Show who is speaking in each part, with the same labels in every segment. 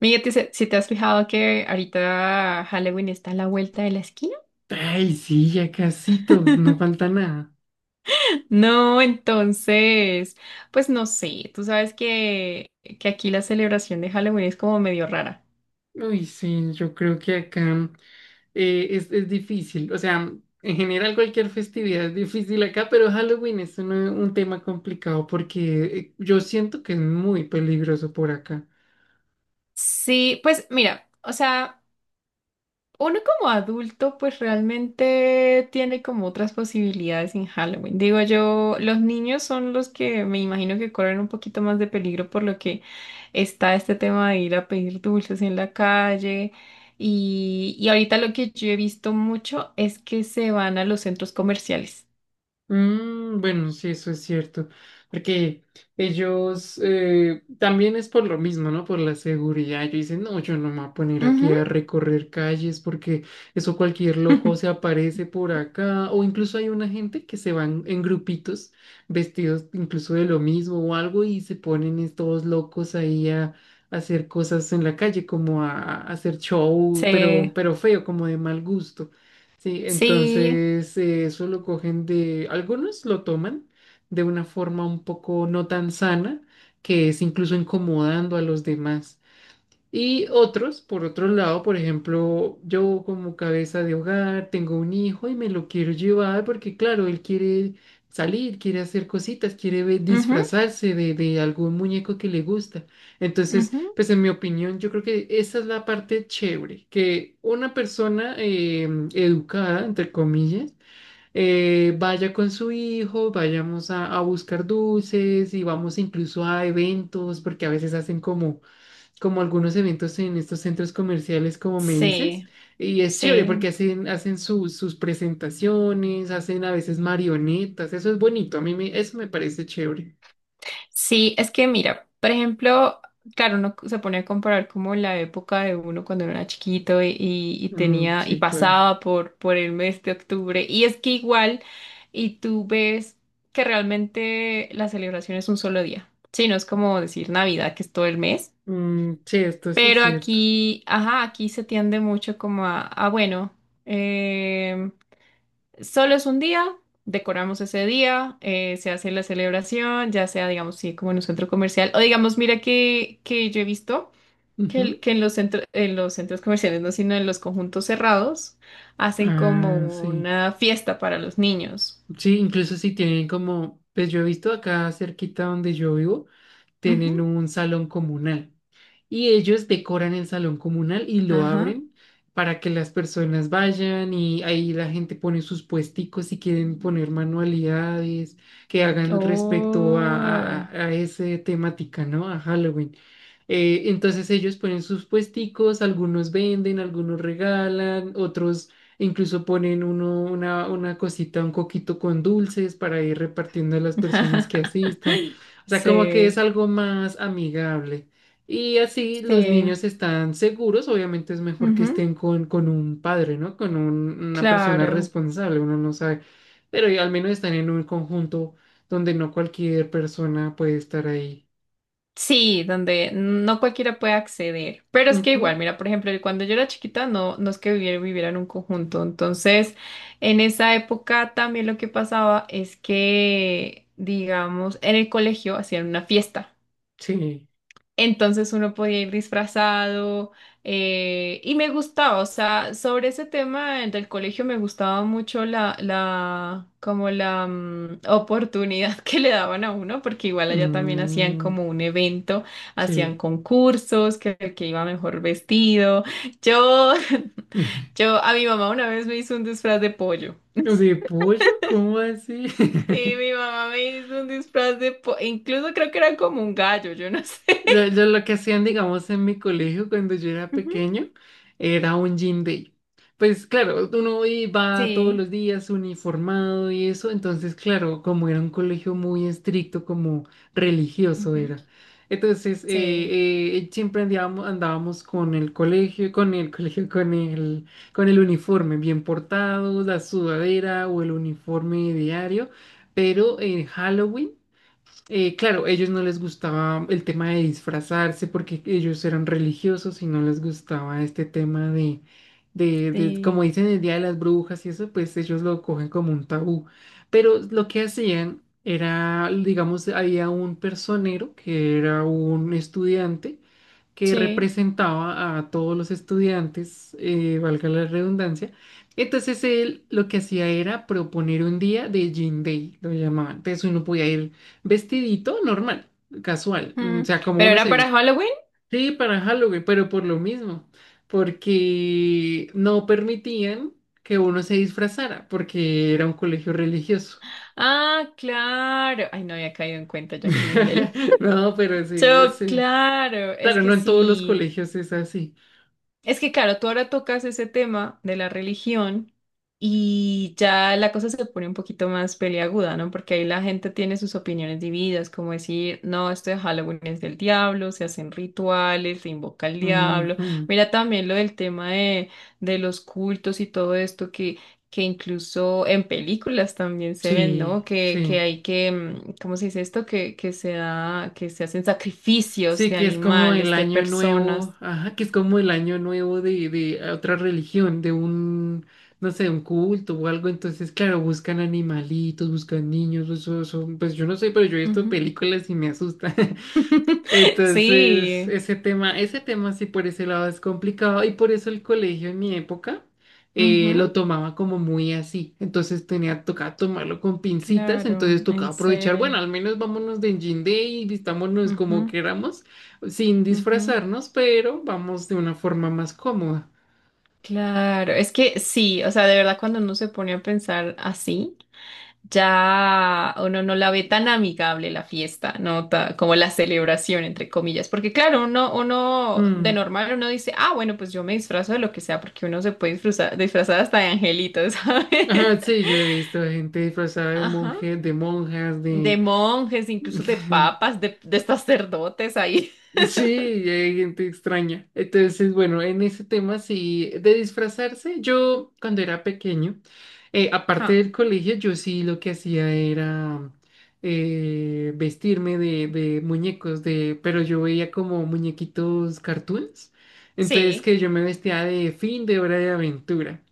Speaker 1: Miguel, si te has fijado que ahorita Halloween está a la vuelta de la esquina?
Speaker 2: Ay, sí, ya casito, no falta nada.
Speaker 1: No, entonces, pues no sé, tú sabes que aquí la celebración de Halloween es como medio rara.
Speaker 2: Uy, sí, yo creo que acá es difícil. O sea, en general cualquier festividad es difícil acá, pero Halloween es un tema complicado porque yo siento que es muy peligroso por acá.
Speaker 1: Sí, pues mira, o sea... Uno como adulto pues realmente tiene como otras posibilidades en Halloween. Digo yo, los niños son los que me imagino que corren un poquito más de peligro por lo que está este tema de ir a pedir dulces en la calle. Y ahorita lo que yo he visto mucho es que se van a los centros comerciales.
Speaker 2: Mm, bueno, sí, eso es cierto, porque ellos también es por lo mismo, ¿no? Por la seguridad. Yo dicen, no, yo no me voy a poner
Speaker 1: Ujú.
Speaker 2: aquí a recorrer calles porque eso cualquier loco se aparece por acá. O incluso hay una gente que se van en grupitos, vestidos incluso de lo mismo o algo, y se ponen estos locos ahí a hacer cosas en la calle, como a hacer show,
Speaker 1: Sí,
Speaker 2: pero feo, como de mal gusto. Sí,
Speaker 1: sí,
Speaker 2: entonces eso lo cogen de, algunos lo toman de una forma un poco no tan sana, que es incluso incomodando a los demás. Y otros, por otro lado, por ejemplo, yo como cabeza de hogar tengo un hijo y me lo quiero llevar porque, claro, él quiere salir, quiere hacer cositas, quiere
Speaker 1: ujú,
Speaker 2: disfrazarse de algún muñeco que le gusta. Entonces,
Speaker 1: ujú.
Speaker 2: pues en mi opinión, yo creo que esa es la parte chévere, que una persona educada, entre comillas, vaya con su hijo, vayamos a buscar dulces y vamos incluso a eventos, porque a veces hacen como algunos eventos en estos centros comerciales, como me dices,
Speaker 1: Sí,
Speaker 2: y es chévere
Speaker 1: sí.
Speaker 2: porque hacen sus presentaciones, hacen a veces marionetas, eso es bonito, eso me parece chévere.
Speaker 1: Sí, es que mira, por ejemplo, claro, uno se pone a comparar como la época de uno cuando era chiquito y
Speaker 2: Mm,
Speaker 1: tenía y
Speaker 2: sí, claro.
Speaker 1: pasaba por el mes de octubre. Y es que igual, y tú ves que realmente la celebración es un solo día. Sí, no es como decir Navidad, que es todo el mes.
Speaker 2: Mm, sí, esto sí es
Speaker 1: Pero
Speaker 2: cierto.
Speaker 1: aquí, ajá, aquí se tiende mucho como a bueno. em, Solo es un día, decoramos ese día, se hace la celebración, ya sea, digamos, sí, como en un centro comercial, o digamos, mira que yo he visto
Speaker 2: Ujú.
Speaker 1: que en los centros comerciales, no, sino en los conjuntos cerrados, hacen como
Speaker 2: Ah, sí.
Speaker 1: una fiesta para los niños.
Speaker 2: Sí, incluso si tienen como, pues yo he visto acá cerquita donde yo vivo, tienen
Speaker 1: Ujú,
Speaker 2: un salón comunal y ellos decoran el salón comunal y lo
Speaker 1: ajá.
Speaker 2: abren para que las personas vayan y ahí la gente pone sus puesticos si quieren poner manualidades que hagan respecto
Speaker 1: Oh.
Speaker 2: a ese temática, ¿no? A Halloween. Entonces ellos ponen sus puesticos, algunos venden, algunos regalan, otros incluso ponen una cosita, un coquito con dulces para ir repartiendo a las personas que asistan. O sea, como que es
Speaker 1: Sí,
Speaker 2: algo más amigable. Y así los
Speaker 1: sí,
Speaker 2: niños están seguros. Obviamente es mejor que
Speaker 1: ujú,
Speaker 2: estén con un padre, ¿no? Una persona
Speaker 1: claro.
Speaker 2: responsable, uno no sabe. Pero ya al menos están en un conjunto donde no cualquier persona puede estar ahí.
Speaker 1: Sí, donde no cualquiera puede acceder. Pero es que
Speaker 2: Ujú,
Speaker 1: igual, mira, por ejemplo, cuando yo era chiquita, no, no es que viviera en un conjunto. Entonces, en esa época también lo que pasaba es que, digamos, en el colegio hacían una fiesta.
Speaker 2: sí.
Speaker 1: Entonces uno podía ir disfrazado y me gustaba, o sea, sobre ese tema del colegio me gustaba mucho como la oportunidad que le daban a uno, porque igual allá también hacían
Speaker 2: Mm,
Speaker 1: como un evento, hacían
Speaker 2: sí.
Speaker 1: concursos, que el que iba mejor vestido. Yo, yo, a mi mamá una vez me hizo un disfraz de pollo.
Speaker 2: ¿De pollo? ¿Cómo así?
Speaker 1: Sí, mi mamá me hizo un disfraz de pollo, incluso creo que era como un gallo, yo no sé.
Speaker 2: Yo lo que hacían, digamos, en mi colegio cuando yo era
Speaker 1: Ujú.
Speaker 2: pequeño, era un gym day. Pues claro, uno iba todos
Speaker 1: Sí.
Speaker 2: los días uniformado y eso, entonces claro, como era un colegio muy estricto, como religioso
Speaker 1: Ujú.
Speaker 2: era. Entonces,
Speaker 1: Sí,
Speaker 2: siempre andábamos con el uniforme bien portado, la sudadera o el uniforme diario, pero en Halloween. Claro, ellos no les gustaba el tema de disfrazarse porque ellos eran religiosos y no les gustaba este tema
Speaker 1: sí,
Speaker 2: como dicen el Día de las Brujas y eso, pues ellos lo cogen como un tabú. Pero lo que hacían era, digamos, había un personero que era un estudiante que
Speaker 1: sí.
Speaker 2: representaba a todos los estudiantes, valga la redundancia. Entonces él lo que hacía era proponer un día de Jean Day, lo llamaban. Entonces uno podía ir vestidito normal, casual,
Speaker 1: Mm.
Speaker 2: o sea, como
Speaker 1: ¿Pero
Speaker 2: uno
Speaker 1: era
Speaker 2: se
Speaker 1: para
Speaker 2: viste.
Speaker 1: Halloween?
Speaker 2: Sí, para Halloween, pero por lo mismo, porque no permitían que uno se disfrazara, porque era un colegio religioso.
Speaker 1: Ah, claro. Ay, no había caído en cuenta, yo aquí bien lelo.
Speaker 2: No, pero sí,
Speaker 1: So,
Speaker 2: sí.
Speaker 1: claro, es
Speaker 2: Claro,
Speaker 1: que
Speaker 2: no en todos los
Speaker 1: sí.
Speaker 2: colegios es así.
Speaker 1: Es que claro, tú ahora tocas ese tema de la religión y ya la cosa se pone un poquito más peliaguda, ¿no? Porque ahí la gente tiene sus opiniones divididas, como decir, no, esto de Halloween es del diablo, se hacen rituales, se invoca al diablo.
Speaker 2: Ujú,
Speaker 1: Mira también lo del tema de los cultos y todo esto que incluso en películas también se ven, ¿no?
Speaker 2: sí,
Speaker 1: Que
Speaker 2: sí.
Speaker 1: hay que, mm, ¿cómo se dice esto? Que se da, que se hacen sacrificios de
Speaker 2: Sí, que es como el
Speaker 1: animales, de
Speaker 2: año
Speaker 1: personas.
Speaker 2: nuevo, ajá, que es como el año nuevo de ah, otra religión, no sé, un culto o algo. Entonces, claro, buscan animalitos, buscan niños, eso, pues yo no sé, pero yo he visto
Speaker 1: Ujú.
Speaker 2: películas y me asusta. Entonces,
Speaker 1: Sí,
Speaker 2: ese tema sí por ese lado es complicado y por eso el colegio en mi época
Speaker 1: ujú,
Speaker 2: lo tomaba como muy así. Entonces tocaba tomarlo con pincitas,
Speaker 1: claro,
Speaker 2: entonces
Speaker 1: en
Speaker 2: tocaba aprovechar, bueno,
Speaker 1: serio.
Speaker 2: al menos vámonos de Engine Day y vistámonos como
Speaker 1: Ujú,
Speaker 2: queramos, sin
Speaker 1: ujú,
Speaker 2: disfrazarnos, pero vamos de una forma más cómoda.
Speaker 1: claro, es que sí, o sea, de verdad cuando uno se pone a pensar así, ya uno no la ve tan amigable la fiesta, ¿no? Como la celebración, entre comillas, porque claro, uno de
Speaker 2: Mm.
Speaker 1: normal uno dice, ah, bueno, pues yo me disfrazo de lo que sea, porque uno se puede disfrazar, disfrazar hasta de angelitos, ¿sabes?
Speaker 2: Ajá, sí, yo he visto gente disfrazada de
Speaker 1: Ajá,
Speaker 2: monje, de monjas,
Speaker 1: de
Speaker 2: de...
Speaker 1: monjes, incluso de papas, de sacerdotes ahí.
Speaker 2: Sí, y hay gente extraña. Entonces, bueno, en ese tema sí, de disfrazarse, yo cuando era pequeño, aparte del colegio, yo sí lo que hacía era vestirme de muñecos, de, pero yo veía como muñequitos cartoons. Entonces
Speaker 1: Sí.
Speaker 2: que yo me vestía de Fin de Hora de Aventura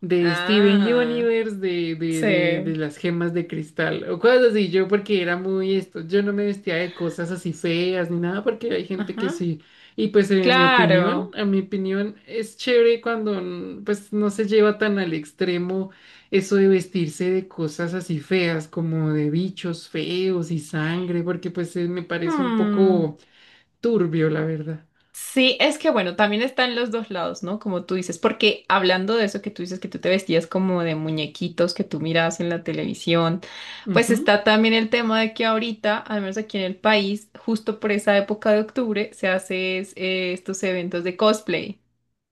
Speaker 2: de Steven
Speaker 1: Ah,
Speaker 2: Universe, de
Speaker 1: sí.
Speaker 2: las gemas de cristal, o cosas así, yo porque era muy esto, yo no me vestía de cosas así feas ni nada, porque hay gente que
Speaker 1: Ajá.
Speaker 2: sí, y pues en mi opinión,
Speaker 1: Claro.
Speaker 2: a mi opinión es chévere cuando mm, pues no se lleva tan al extremo eso de vestirse de cosas así feas, como de bichos feos y sangre, porque pues me parece un
Speaker 1: Hmm.
Speaker 2: poco turbio, la verdad.
Speaker 1: Sí, es que bueno, también están los dos lados, ¿no? Como tú dices, porque hablando de eso que tú dices que tú te vestías como de muñequitos que tú mirabas en la televisión, pues
Speaker 2: Ujú.
Speaker 1: está también el tema de que ahorita, al menos aquí en el país, justo por esa época de octubre, se hacen estos eventos de cosplay.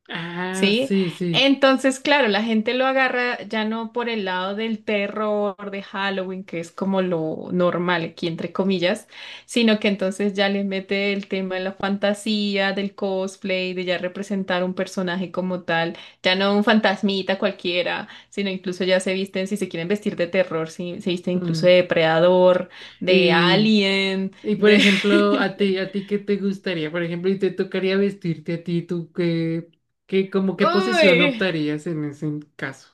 Speaker 2: Ah,
Speaker 1: ¿Sí?
Speaker 2: sí, sí.
Speaker 1: Entonces, claro, la gente lo agarra ya no por el lado del terror de Halloween, que es como lo normal aquí, entre comillas, sino que entonces ya le mete el tema de la fantasía, del cosplay, de ya representar un personaje como tal, ya no un fantasmita cualquiera, sino incluso ya se visten, si se quieren vestir de terror, se visten incluso de
Speaker 2: Mm.
Speaker 1: depredador, de
Speaker 2: Y
Speaker 1: alien,
Speaker 2: y por
Speaker 1: de...
Speaker 2: ejemplo, a ti qué te gustaría, por ejemplo, y te tocaría vestirte a ti, qué, como qué posición
Speaker 1: Uy,
Speaker 2: optarías en ese caso.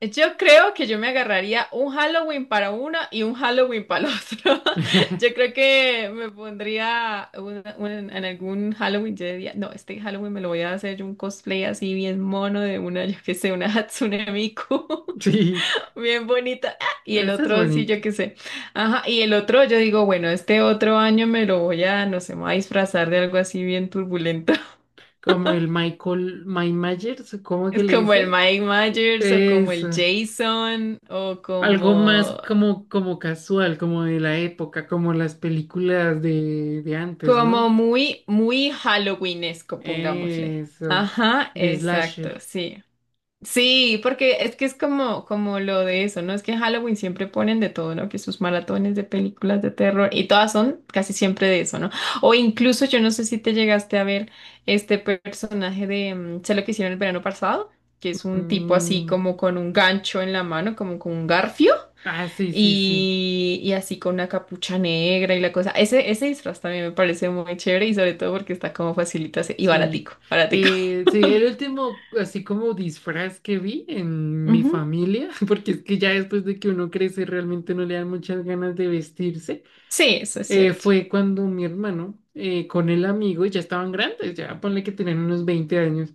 Speaker 1: yo creo que yo me agarraría un Halloween para una y un Halloween para el otro. Yo creo que me pondría en algún Halloween, yo diría, no, este Halloween me lo voy a hacer yo un cosplay así bien mono de una, yo qué sé, una Hatsune Miku,
Speaker 2: Sí,
Speaker 1: bien bonita. Ah, y el
Speaker 2: eso es
Speaker 1: otro, sí,
Speaker 2: bonito.
Speaker 1: yo qué sé. Ajá, y el otro, yo digo, bueno, este otro año me lo voy a, no sé, me voy a disfrazar de algo así bien turbulento.
Speaker 2: Como el Michael, Mike Myers, ¿cómo
Speaker 1: Es
Speaker 2: que le
Speaker 1: como el
Speaker 2: dice?
Speaker 1: Mike Myers o como el
Speaker 2: Eso.
Speaker 1: Jason o
Speaker 2: Algo más
Speaker 1: como...
Speaker 2: como casual, como de la época, como las películas de antes,
Speaker 1: Como
Speaker 2: ¿no?
Speaker 1: muy Halloweenesco, pongámosle.
Speaker 2: Eso.
Speaker 1: Ajá,
Speaker 2: De slasher.
Speaker 1: exacto, sí. Sí, porque es que es como, como lo de eso, ¿no? Es que en Halloween siempre ponen de todo, ¿no? Que sus maratones de películas de terror y todas son casi siempre de eso, ¿no? O incluso yo no sé si te llegaste a ver este personaje de, mm, sé lo que hicieron el verano pasado, que es un tipo así
Speaker 2: Mm,
Speaker 1: como con un gancho en la mano, como con un garfio.
Speaker 2: ah, sí, sí, sí.
Speaker 1: Y así con una capucha negra y la cosa. Ese disfraz también me parece muy chévere y sobre todo porque está como facilito y baratico,
Speaker 2: Sí,
Speaker 1: baratico.
Speaker 2: sí, el último, así como disfraz que vi en mi
Speaker 1: Ujú.
Speaker 2: familia, porque es que ya después de que uno crece realmente no le dan muchas ganas de vestirse
Speaker 1: Sí, eso es cierto.
Speaker 2: fue cuando mi hermano con el amigo ya estaban grandes, ya ponle que tenían unos 20 años.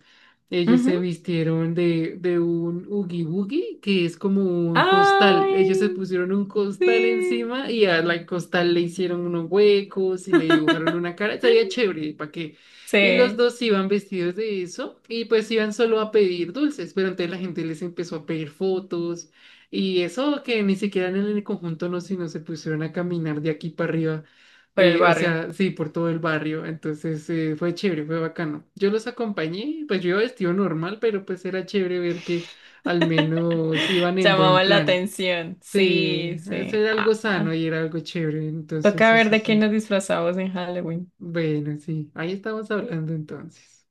Speaker 2: Ellos
Speaker 1: Ujú.
Speaker 2: se vistieron de un oogie boogie, que es como un costal. Ellos se
Speaker 1: Ay,
Speaker 2: pusieron un costal
Speaker 1: sí.
Speaker 2: encima y a la costal le hicieron unos huecos y le dibujaron una cara. Se veía chévere, ¿para qué? Y los
Speaker 1: Sí,
Speaker 2: dos iban vestidos de eso y pues iban solo a pedir dulces, pero entonces la gente les empezó a pedir fotos y eso que ni siquiera en el conjunto no, sino se pusieron a caminar de aquí para arriba
Speaker 1: por el
Speaker 2: o
Speaker 1: barrio.
Speaker 2: sea, sí, por todo el barrio. Entonces fue chévere, fue bacano. Yo los acompañé, pues yo iba vestido normal, pero pues era chévere ver que al menos iban en
Speaker 1: Llamaba
Speaker 2: buen
Speaker 1: la
Speaker 2: plan.
Speaker 1: atención. Sí,
Speaker 2: Sí, eso
Speaker 1: sí.
Speaker 2: era algo sano
Speaker 1: Ah,
Speaker 2: y era algo chévere. Entonces,
Speaker 1: toca ver
Speaker 2: eso
Speaker 1: de qué
Speaker 2: sí.
Speaker 1: nos disfrazamos en Halloween.
Speaker 2: Bueno, sí, ahí estamos hablando entonces.